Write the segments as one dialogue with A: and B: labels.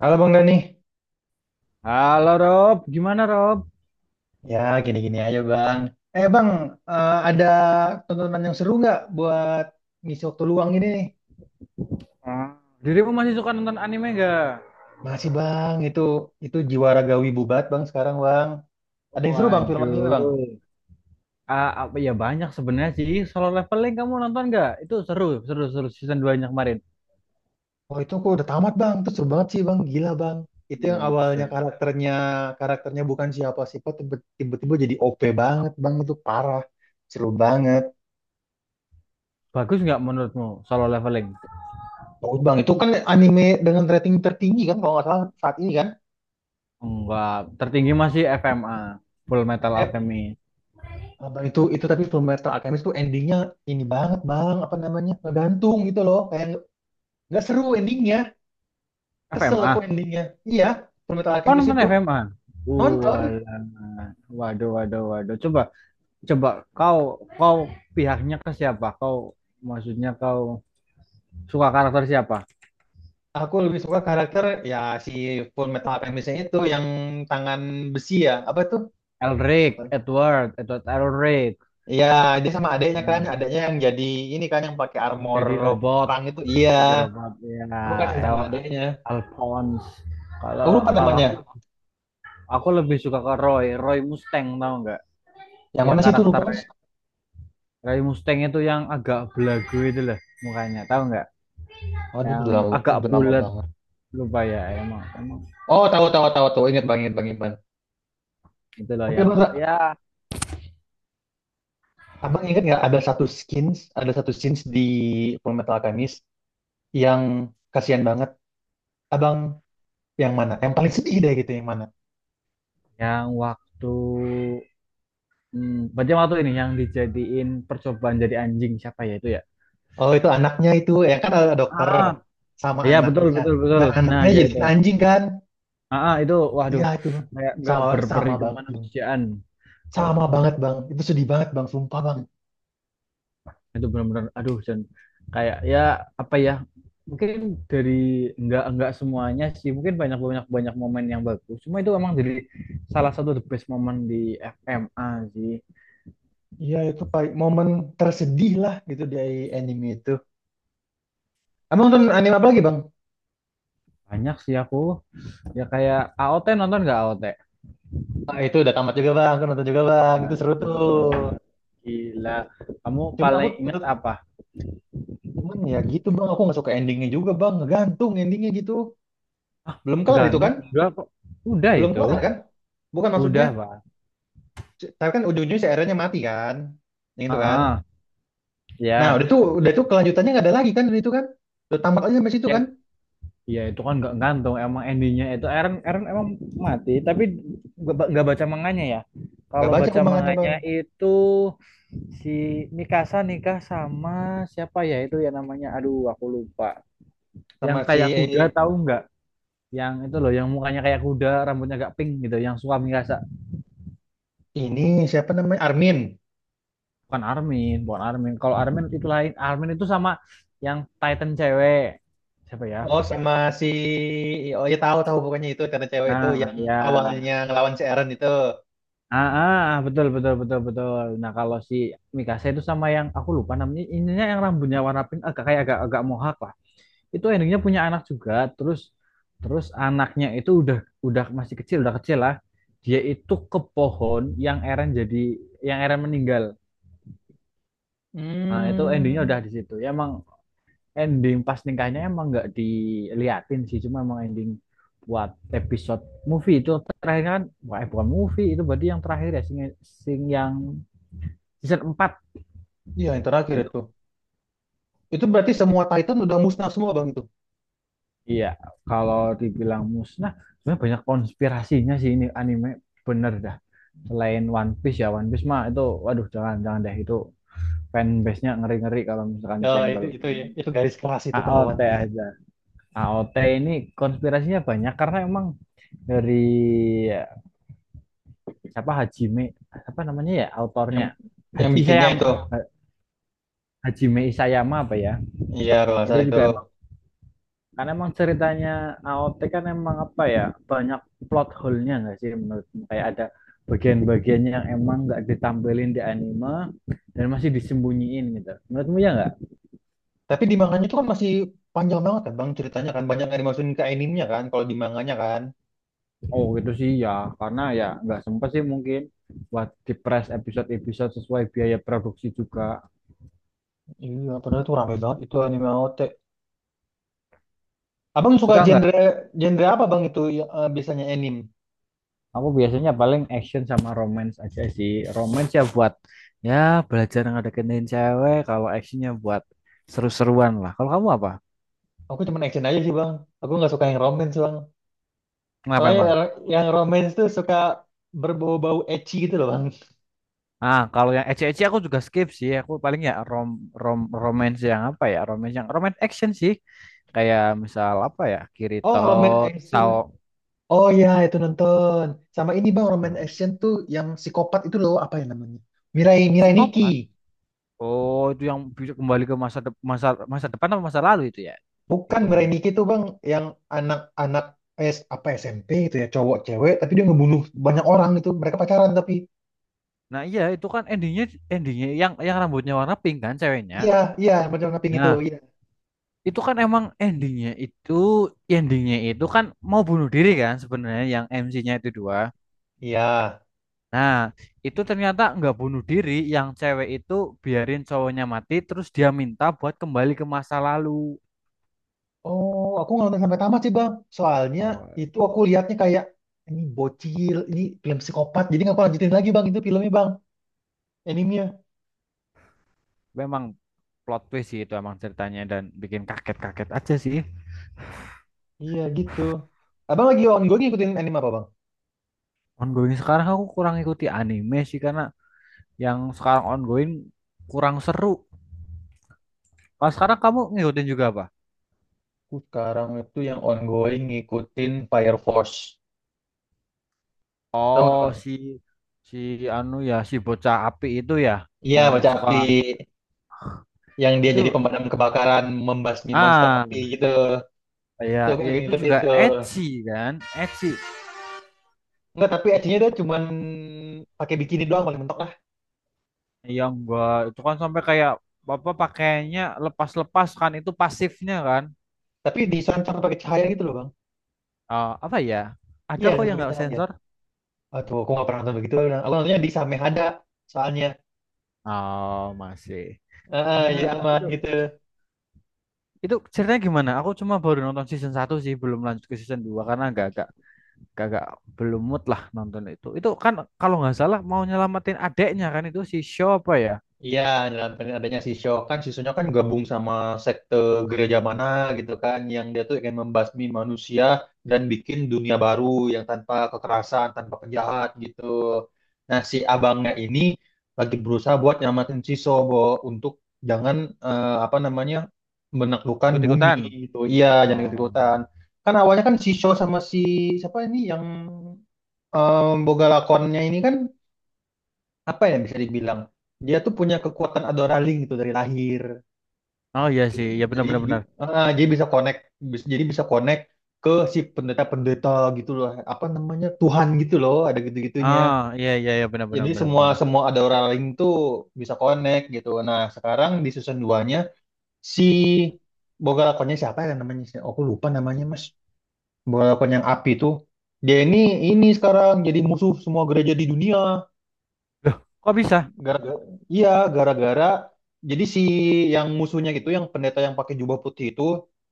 A: Halo Bang Dani.
B: Halo Rob, gimana Rob?
A: Ya, gini-gini aja Bang. Eh Bang, ada tontonan yang seru nggak buat ngisi waktu luang ini nih?
B: Ah, dirimu masih suka nonton anime gak?
A: Masih Bang, itu jiwa ragawi bubat Bang sekarang Bang. Ada yang seru Bang film anime Bang?
B: Waduh, ah, apa ya banyak sebenarnya sih. Solo Leveling kamu nonton gak? Itu seru, seru, seru season 2-nya kemarin.
A: Oh, itu aku udah tamat Bang, itu seru banget sih Bang, gila Bang. Itu yang awalnya
B: Buset.
A: karakternya karakternya bukan siapa-siapa, tiba-tiba jadi OP banget Bang, itu parah. Seru banget.
B: Bagus nggak menurutmu Solo Leveling?
A: Bagus Bang, itu kan anime dengan rating tertinggi kan kalau nggak salah saat ini kan?
B: Enggak, tertinggi masih FMA, Full Metal Alchemist.
A: Abang itu tapi Full Metal Alchemist tuh endingnya ini banget bang, apa namanya, ngegantung gitu loh, kayak nggak seru endingnya, kesel aku
B: FMA?
A: endingnya. Iya, Full Metal
B: Kau
A: Alchemist
B: nonton
A: itu.
B: FMA?
A: Nonton.
B: Walah. Waduh, waduh, waduh. Coba, coba kau, kau pihaknya ke siapa? Kau, maksudnya kau suka karakter siapa?
A: Aku lebih suka karakter, ya, si Full Metal Alchemistnya itu yang tangan besi, ya, apa tuh, lupa.
B: Elric, Edward, Edward Elric.
A: Iya, dia sama adeknya kan,
B: Nah,
A: adeknya yang jadi ini kan, yang pakai armor
B: jadi robot,
A: perang itu, iya.
B: jadi robot ya.
A: Aku kasih
B: El
A: sama adeknya,
B: Alphonse. Kalau
A: aku lupa
B: kalau
A: namanya.
B: aku lebih suka ke Roy, Roy Mustang tahu nggak?
A: Yang
B: Ya
A: mana sih itu, lupa Mas.
B: karakternya Roy Mustang itu yang agak belagu itu lah, mukanya, tahu nggak?
A: Aduh,
B: Yang agak
A: udah lama
B: bulat
A: banget.
B: lupa ya emang emang
A: Oh, tahu tahu tahu tahu. Ingat bang, ingat bang.
B: itu loh
A: Tapi abang,
B: ya
A: abang ingat nggak, ada satu skins, ada satu skins di Full Metal Alchemist yang kasihan banget. Abang, yang mana? Yang paling sedih deh gitu, yang mana?
B: yang waktu berarti waktu ini yang dijadiin percobaan jadi anjing siapa ya itu ya?
A: Oh, itu anaknya itu, yang kan ada dokter
B: Ah,
A: sama
B: ya betul
A: anaknya.
B: betul betul.
A: Nah,
B: Nah
A: anaknya
B: ya
A: jadi
B: itu.
A: anjing kan?
B: Ah, ah, itu
A: Iya,
B: waduh
A: itu Bang.
B: kayak nggak
A: Sama
B: berperi
A: sama banget bang,
B: kemanusiaan. Kau
A: sama
B: kau
A: banget bang. Itu sedih banget bang, sumpah bang.
B: itu benar-benar aduh dan kayak ya apa ya mungkin dari nggak semuanya sih mungkin banyak banyak banyak momen yang bagus. Cuma itu emang jadi salah satu the best momen di FMA sih.
A: Iya, itu paling momen tersedih lah gitu dari anime itu. Abang nonton anime apa lagi bang?
B: Banyak sih aku ya kayak AOT nonton nggak AOT?
A: Ah, itu udah tamat juga bang, aku nonton juga bang. Itu seru tuh.
B: Waduh gila. Kamu
A: Cuman aku
B: paling ingat apa?
A: Cuman ya gitu bang, aku nggak suka endingnya juga bang, ngegantung endingnya gitu. Belum kelar itu
B: Gantung
A: kan?
B: enggak kok. Udah
A: Belum
B: itu.
A: kelar kan? Bukan maksudnya,
B: Udah, Pak.
A: tapi kan ujung-ujungnya si Aaron-nya mati kan? Yang itu kan?
B: Heeh.
A: Nah,
B: Ya.
A: udah tuh, udah tuh, kelanjutannya nggak ada lagi kan dari itu kan? Udah tamat aja sampai situ
B: Ya,
A: kan?
B: iya itu kan nggak gantung emang endingnya itu Eren Eren emang mati tapi nggak baca manganya ya.
A: Nggak
B: Kalau
A: baca aku
B: baca
A: manganya
B: manganya
A: bang.
B: itu si Mikasa nikah sama siapa ya itu ya namanya aduh aku lupa. Yang
A: Sama si
B: kayak kuda tahu nggak? Yang itu loh yang mukanya kayak kuda rambutnya agak pink gitu yang suka Mikasa.
A: ini, siapa namanya? Armin.
B: Bukan Armin, bukan Armin. Kalau Armin itu lain. Armin itu sama yang Titan cewek. Siapa ya?
A: Oh sama si, oh ya, tahu tahu, pokoknya itu karena cewek itu
B: Nah,
A: yang
B: ya,
A: awalnya ngelawan si Aaron itu.
B: ah, ah, betul betul betul betul. Nah, kalau si Mikasa itu sama yang aku lupa namanya, ininya yang rambutnya warna pink agak kayak agak agak mohak lah. Itu endingnya punya anak juga, terus terus anaknya itu udah masih kecil, udah kecil lah. Dia itu ke pohon yang Eren jadi yang Eren meninggal. Nah, itu endingnya udah
A: Hmm,
B: di situ. Ya, emang ending pas nikahnya emang nggak diliatin sih, cuma emang ending buat episode movie itu terakhir kan, wah eh, bukan movie itu berarti yang terakhir ya sing yang season 4
A: iya, yang terakhir
B: itu.
A: itu. Itu berarti semua Titan udah musnah semua bang itu.
B: Iya, kalau dibilang musnah, sebenarnya banyak konspirasinya sih ini anime bener dah. Selain One Piece ya, One Piece mah itu waduh jangan jangan deh itu fanbase-nya ngeri-ngeri kalau misalkan
A: Ya, itu
B: disenggol.
A: itu itu garis keras itu kalau
B: AOT
A: One Piece.
B: aja. AOT ini konspirasinya banyak karena emang dari siapa Hajime, apa namanya ya
A: Yang
B: autornya
A: yang
B: Haji
A: bikinnya
B: Isayama,
A: itu.
B: Hajime Isayama apa ya?
A: Iya, kalau nggak
B: Itu
A: salah itu.
B: juga karena emang ceritanya A O T kan emang apa ya banyak plot hole-nya nggak sih menurutmu? Kayak ada bagian bagiannya yang emang nggak ditampilin di anime dan masih disembunyiin gitu. Menurutmu ya nggak?
A: Tapi di manganya itu kan masih panjang banget kan, Bang, ceritanya kan banyak yang dimasukin ke animenya kan, kalau di manganya kan.
B: Oh gitu sih ya, karena ya nggak sempat sih mungkin buat di press episode-episode sesuai biaya produksi juga.
A: Iya, padahal itu rame banget itu anime OT. Abang suka
B: Suka nggak?
A: genre genre apa, Bang, itu ya, biasanya anime?
B: Aku biasanya paling action sama romance aja sih. Romance ya buat ya belajar ngedeketin cewek. Kalau actionnya buat seru-seruan lah. Kalau kamu apa?
A: Aku cuma action aja sih, Bang. Aku nggak suka yang romance, Bang.
B: Kenapa
A: Soalnya
B: emang?
A: yang romance tuh suka berbau-bau ecchi gitu loh, Bang.
B: Ah, kalau yang ecce-ecce aku juga skip sih. Aku paling ya rom rom romance yang apa ya? Romance yang romance action sih. Kayak misal apa ya?
A: Oh,
B: Kirito,
A: romance action.
B: Sao,
A: Oh ya, itu nonton. Sama ini bang, romance
B: Sao-
A: action tuh yang psikopat itu loh, apa ya namanya? Mirai Mirai Nikki.
B: Psikopat. Oh, itu yang bisa kembali ke masa depan atau masa lalu itu ya
A: Bukan Mirai
B: hitungannya.
A: Nikki tuh bang, yang anak-anak S apa SMP itu ya, cowok cewek, tapi dia ngebunuh banyak orang itu. Mereka pacaran tapi.
B: Nah, iya itu kan endingnya endingnya yang rambutnya warna pink kan ceweknya.
A: Iya, iya, pacaran ngaping itu.
B: Nah,
A: Iya.
B: itu kan emang endingnya itu kan mau bunuh diri kan sebenarnya yang MC-nya itu dua.
A: Iya.
B: Nah, itu ternyata nggak bunuh diri, yang cewek itu biarin cowoknya mati, terus dia minta buat kembali ke masa lalu.
A: Oh, aku nggak nonton sampai tamat sih bang. Soalnya
B: Oh,
A: itu aku lihatnya kayak ini bocil, ini film psikopat. Jadi nggak aku lanjutin lagi bang, itu filmnya bang, animenya.
B: memang plot twist sih itu emang ceritanya dan bikin kaget-kaget aja sih.
A: Iya gitu. Abang lagi ongoing ngikutin anime apa bang?
B: Ongoing sekarang aku kurang ikuti anime sih karena yang sekarang ongoing kurang seru. Kalau sekarang kamu ngikutin juga apa?
A: Aku sekarang itu yang ongoing ngikutin Fire Force. Tahu nggak,
B: Oh,
A: Bang?
B: si si anu ya si bocah api itu ya
A: Iya,
B: yang
A: baca
B: suka
A: api. Yang dia jadi
B: itu
A: pemadam kebakaran, membasmi monster
B: ah
A: api gitu. Itu
B: ya
A: aku
B: ya
A: lagi
B: itu
A: ngikutin
B: juga
A: tuh.
B: ecchi kan ecchi.
A: Enggak, tapi aksinya dia cuman pakai bikini doang paling mentok lah.
B: Iya enggak, itu kan sampai kayak bapak pakainya lepas-lepas kan itu pasifnya kan.
A: Tapi diserancar pakai cahaya gitu loh, Bang.
B: Eh, apa ya? Ada
A: Iya,
B: kok
A: diserancar
B: yang
A: pakai
B: nggak
A: cahaya.
B: sensor?
A: Aduh, aku nggak pernah nonton begitu. Aku nontonnya di Samehada soalnya.
B: Oh masih.
A: Heeh,
B: Ya,
A: jadi
B: ta-
A: aman
B: itu
A: gitu.
B: itu ceritanya gimana? Aku cuma baru nonton season 1 sih, belum lanjut ke season 2 karena agak agak agak agak belum mood lah nonton itu. Itu kan kalau nggak salah mau nyelamatin adeknya kan itu si Shaw apa ya?
A: Iya, dalam adanya si Sho kan gabung sama sekte gereja mana gitu kan, yang dia tuh ingin membasmi manusia dan bikin dunia baru yang tanpa kekerasan, tanpa penjahat gitu. Nah, si abangnya ini lagi berusaha buat nyamatin si Sho Bo, untuk jangan, apa namanya, menaklukkan bumi
B: Ikut-ikutan.
A: gitu. Iya, jangan
B: Oh.
A: ikut-ikutan. Kan awalnya kan si Sho sama si, siapa ini yang, boga lakonnya ini kan, apa ya, bisa dibilang dia tuh punya kekuatan adoralling gitu dari lahir.
B: Oh iya
A: Jadi,
B: sih, ya benar benar benar.
A: jadi bisa connect, bis- jadi bisa connect ke si pendeta-pendeta gitu loh, apa namanya, Tuhan gitu loh, ada gitu-gitunya.
B: Ah, iya iya iya benar
A: Jadi
B: benar benar
A: semua
B: benar.
A: semua adoralling tuh bisa connect gitu. Nah, sekarang di season duanya, si boga lakonnya siapa ya namanya, oh, aku lupa namanya mas, boga lakon yang api tuh, dia ini sekarang jadi musuh semua gereja di dunia.
B: Loh, kok bisa?
A: Gara-gara, iya, gara-gara jadi si yang musuhnya gitu, yang pendeta yang pakai jubah putih itu,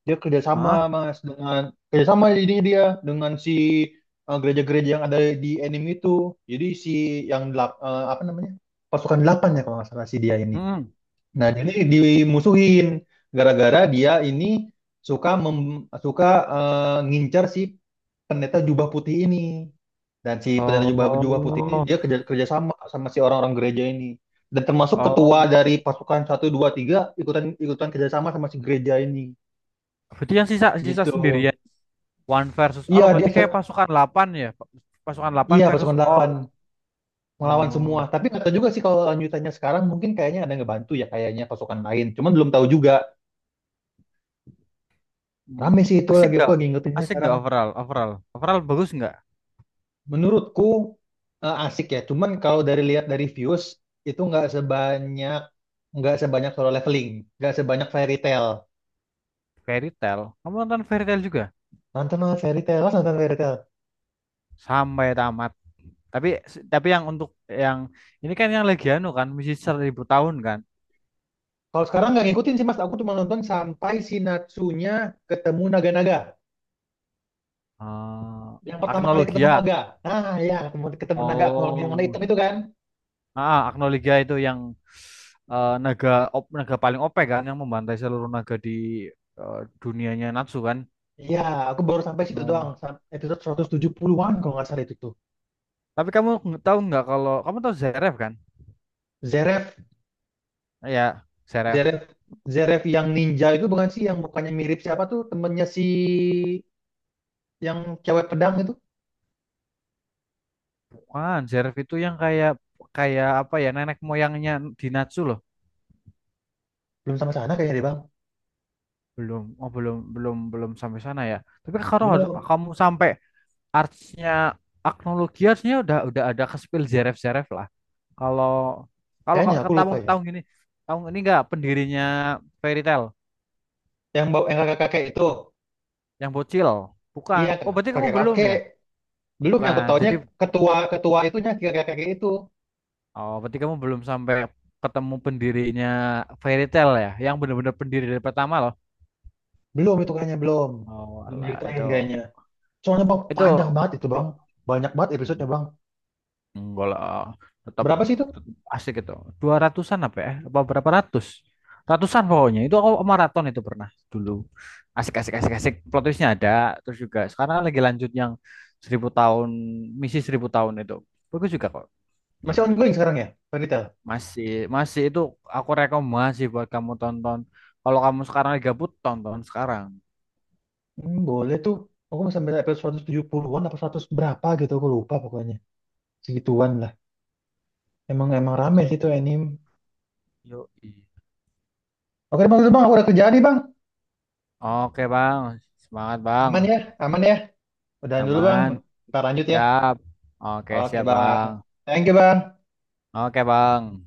A: dia kerjasama
B: Ah.
A: mas dengan, kerjasama jadinya dia dengan si, gereja-gereja yang ada di anime itu. Jadi si yang apa namanya, pasukan delapan ya kalau nggak salah si dia ini. Nah, jadi dimusuhin gara-gara dia ini suka mem, suka ngincar si pendeta jubah putih ini, dan si pendeta jubah jubah putih ini
B: Oh,
A: dia kerjasama sama si orang-orang gereja ini, dan termasuk ketua dari
B: oh.
A: pasukan Satu 2 3 ikutan ikutan kerjasama sama si gereja ini
B: Berarti yang sisa sisa
A: gitu.
B: sendirian. One versus
A: Iya,
B: all berarti kayak pasukan 8 ya. Pasukan 8
A: iya,
B: versus
A: pasukan
B: all.
A: 8 melawan
B: Oh.
A: semua. Tapi nggak tahu juga sih kalau lanjutannya sekarang, mungkin kayaknya ada yang ngebantu ya kayaknya, pasukan lain cuman belum tahu juga.
B: Hmm.
A: Rame sih itu,
B: Asik
A: lagi aku
B: nggak?
A: lagi ngikutin
B: Asik
A: sekarang.
B: nggak overall? Overall. Overall bagus nggak?
A: Menurutku, asik ya. Cuman kalau dari lihat dari views itu nggak sebanyak, nggak sebanyak Solo Leveling, nggak sebanyak Fairy Tail.
B: Fairy Tail. Kamu nonton Fairy Tail juga?
A: Nonton lah Fairy Tail, Mas, nonton Fairy Tail.
B: Sampai tamat. Tapi tapi yang untuk yang ini kan yang lagi anu kan, misi 1.000 tahun kan.
A: Kalau sekarang nggak ngikutin sih Mas, aku cuma nonton sampai si Natsunya ketemu naga-naga.
B: Eh,
A: Yang pertama kali ketemu
B: Agnologia.
A: naga. Nah, ya ketemu, ketemu naga aku ngomong, yang warna
B: Oh.
A: hitam itu kan.
B: Ah, Agno itu yang eh, naga paling OP e kan yang membantai seluruh naga di eh, dunianya Natsu kan.
A: Ya, aku baru sampai situ doang.
B: Oh.
A: Episode 170-an kalau nggak salah itu tuh.
B: Tapi kamu tahu nggak kalau kamu tahu Zeref kan?
A: Zeref,
B: Ya, Zeref.
A: Zeref, Zeref yang ninja itu bukan sih, yang mukanya mirip siapa tuh temennya si, yang cewek pedang itu.
B: Kan Zeref itu yang kayak kayak apa ya nenek moyangnya di Natsu loh.
A: Belum sama sana kayaknya deh bang.
B: Belum, oh belum belum belum sampai sana ya. Tapi kalau
A: Belum,
B: kamu sampai artsnya Agno harusnya udah ada ke spill Zeref-Zeref lah. Kalau kalau
A: kayaknya
B: kalau ke
A: aku lupa
B: tahun
A: ya,
B: tahun ini enggak pendirinya Fairy Tail
A: yang bawa yang kakek kakek itu.
B: yang bocil.
A: Iya,
B: Bukan. Oh, berarti kamu
A: kakek
B: belum
A: kakek,
B: ya?
A: belum. Yang aku
B: Bukan.
A: tahunya
B: Jadi
A: ketua ketua itunya kakek kakek itu.
B: oh, berarti kamu belum sampai ketemu pendirinya Fairy Tail ya, yang benar-benar pendiri dari pertama loh.
A: Belum itu kayaknya, belum,
B: Oh,
A: belum
B: alah,
A: diceritain
B: itu
A: kayaknya soalnya bang panjang
B: itu
A: banget itu bang, banyak banget
B: plot.
A: episodenya bang.
B: Enggak lah, tetap,
A: Berapa sih itu?
B: tetap asik itu. 200-an apa ya? Apa berapa ratus? Ratusan pokoknya. Itu aku maraton itu pernah dulu. Asik, asik, asik, asik. Plot twistnya ada. Terus juga sekarang lagi lanjut yang 1.000 tahun, misi 1.000 tahun itu. Bagus juga kok.
A: Masih ongoing sekarang ya, Fairytale.
B: Masih, masih itu aku rekomendasi buat kamu tonton. Kalau kamu sekarang lagi gabut, tonton sekarang.
A: Hmm, boleh tuh, aku masih sampai episode 170-an apa 100 berapa gitu aku lupa pokoknya, segituan lah. Emang emang rame sih itu anime.
B: Yoi.
A: Oke bang, itu bang, aku udah kerjaan nih bang.
B: Oke, Bang. Semangat, Bang.
A: Aman ya, aman ya. Udahan dulu bang,
B: Aman.
A: ntar lanjut ya.
B: Siap. Oke,
A: Oke
B: siap, Bang.
A: bang, thank you bang.
B: Oke, Bang.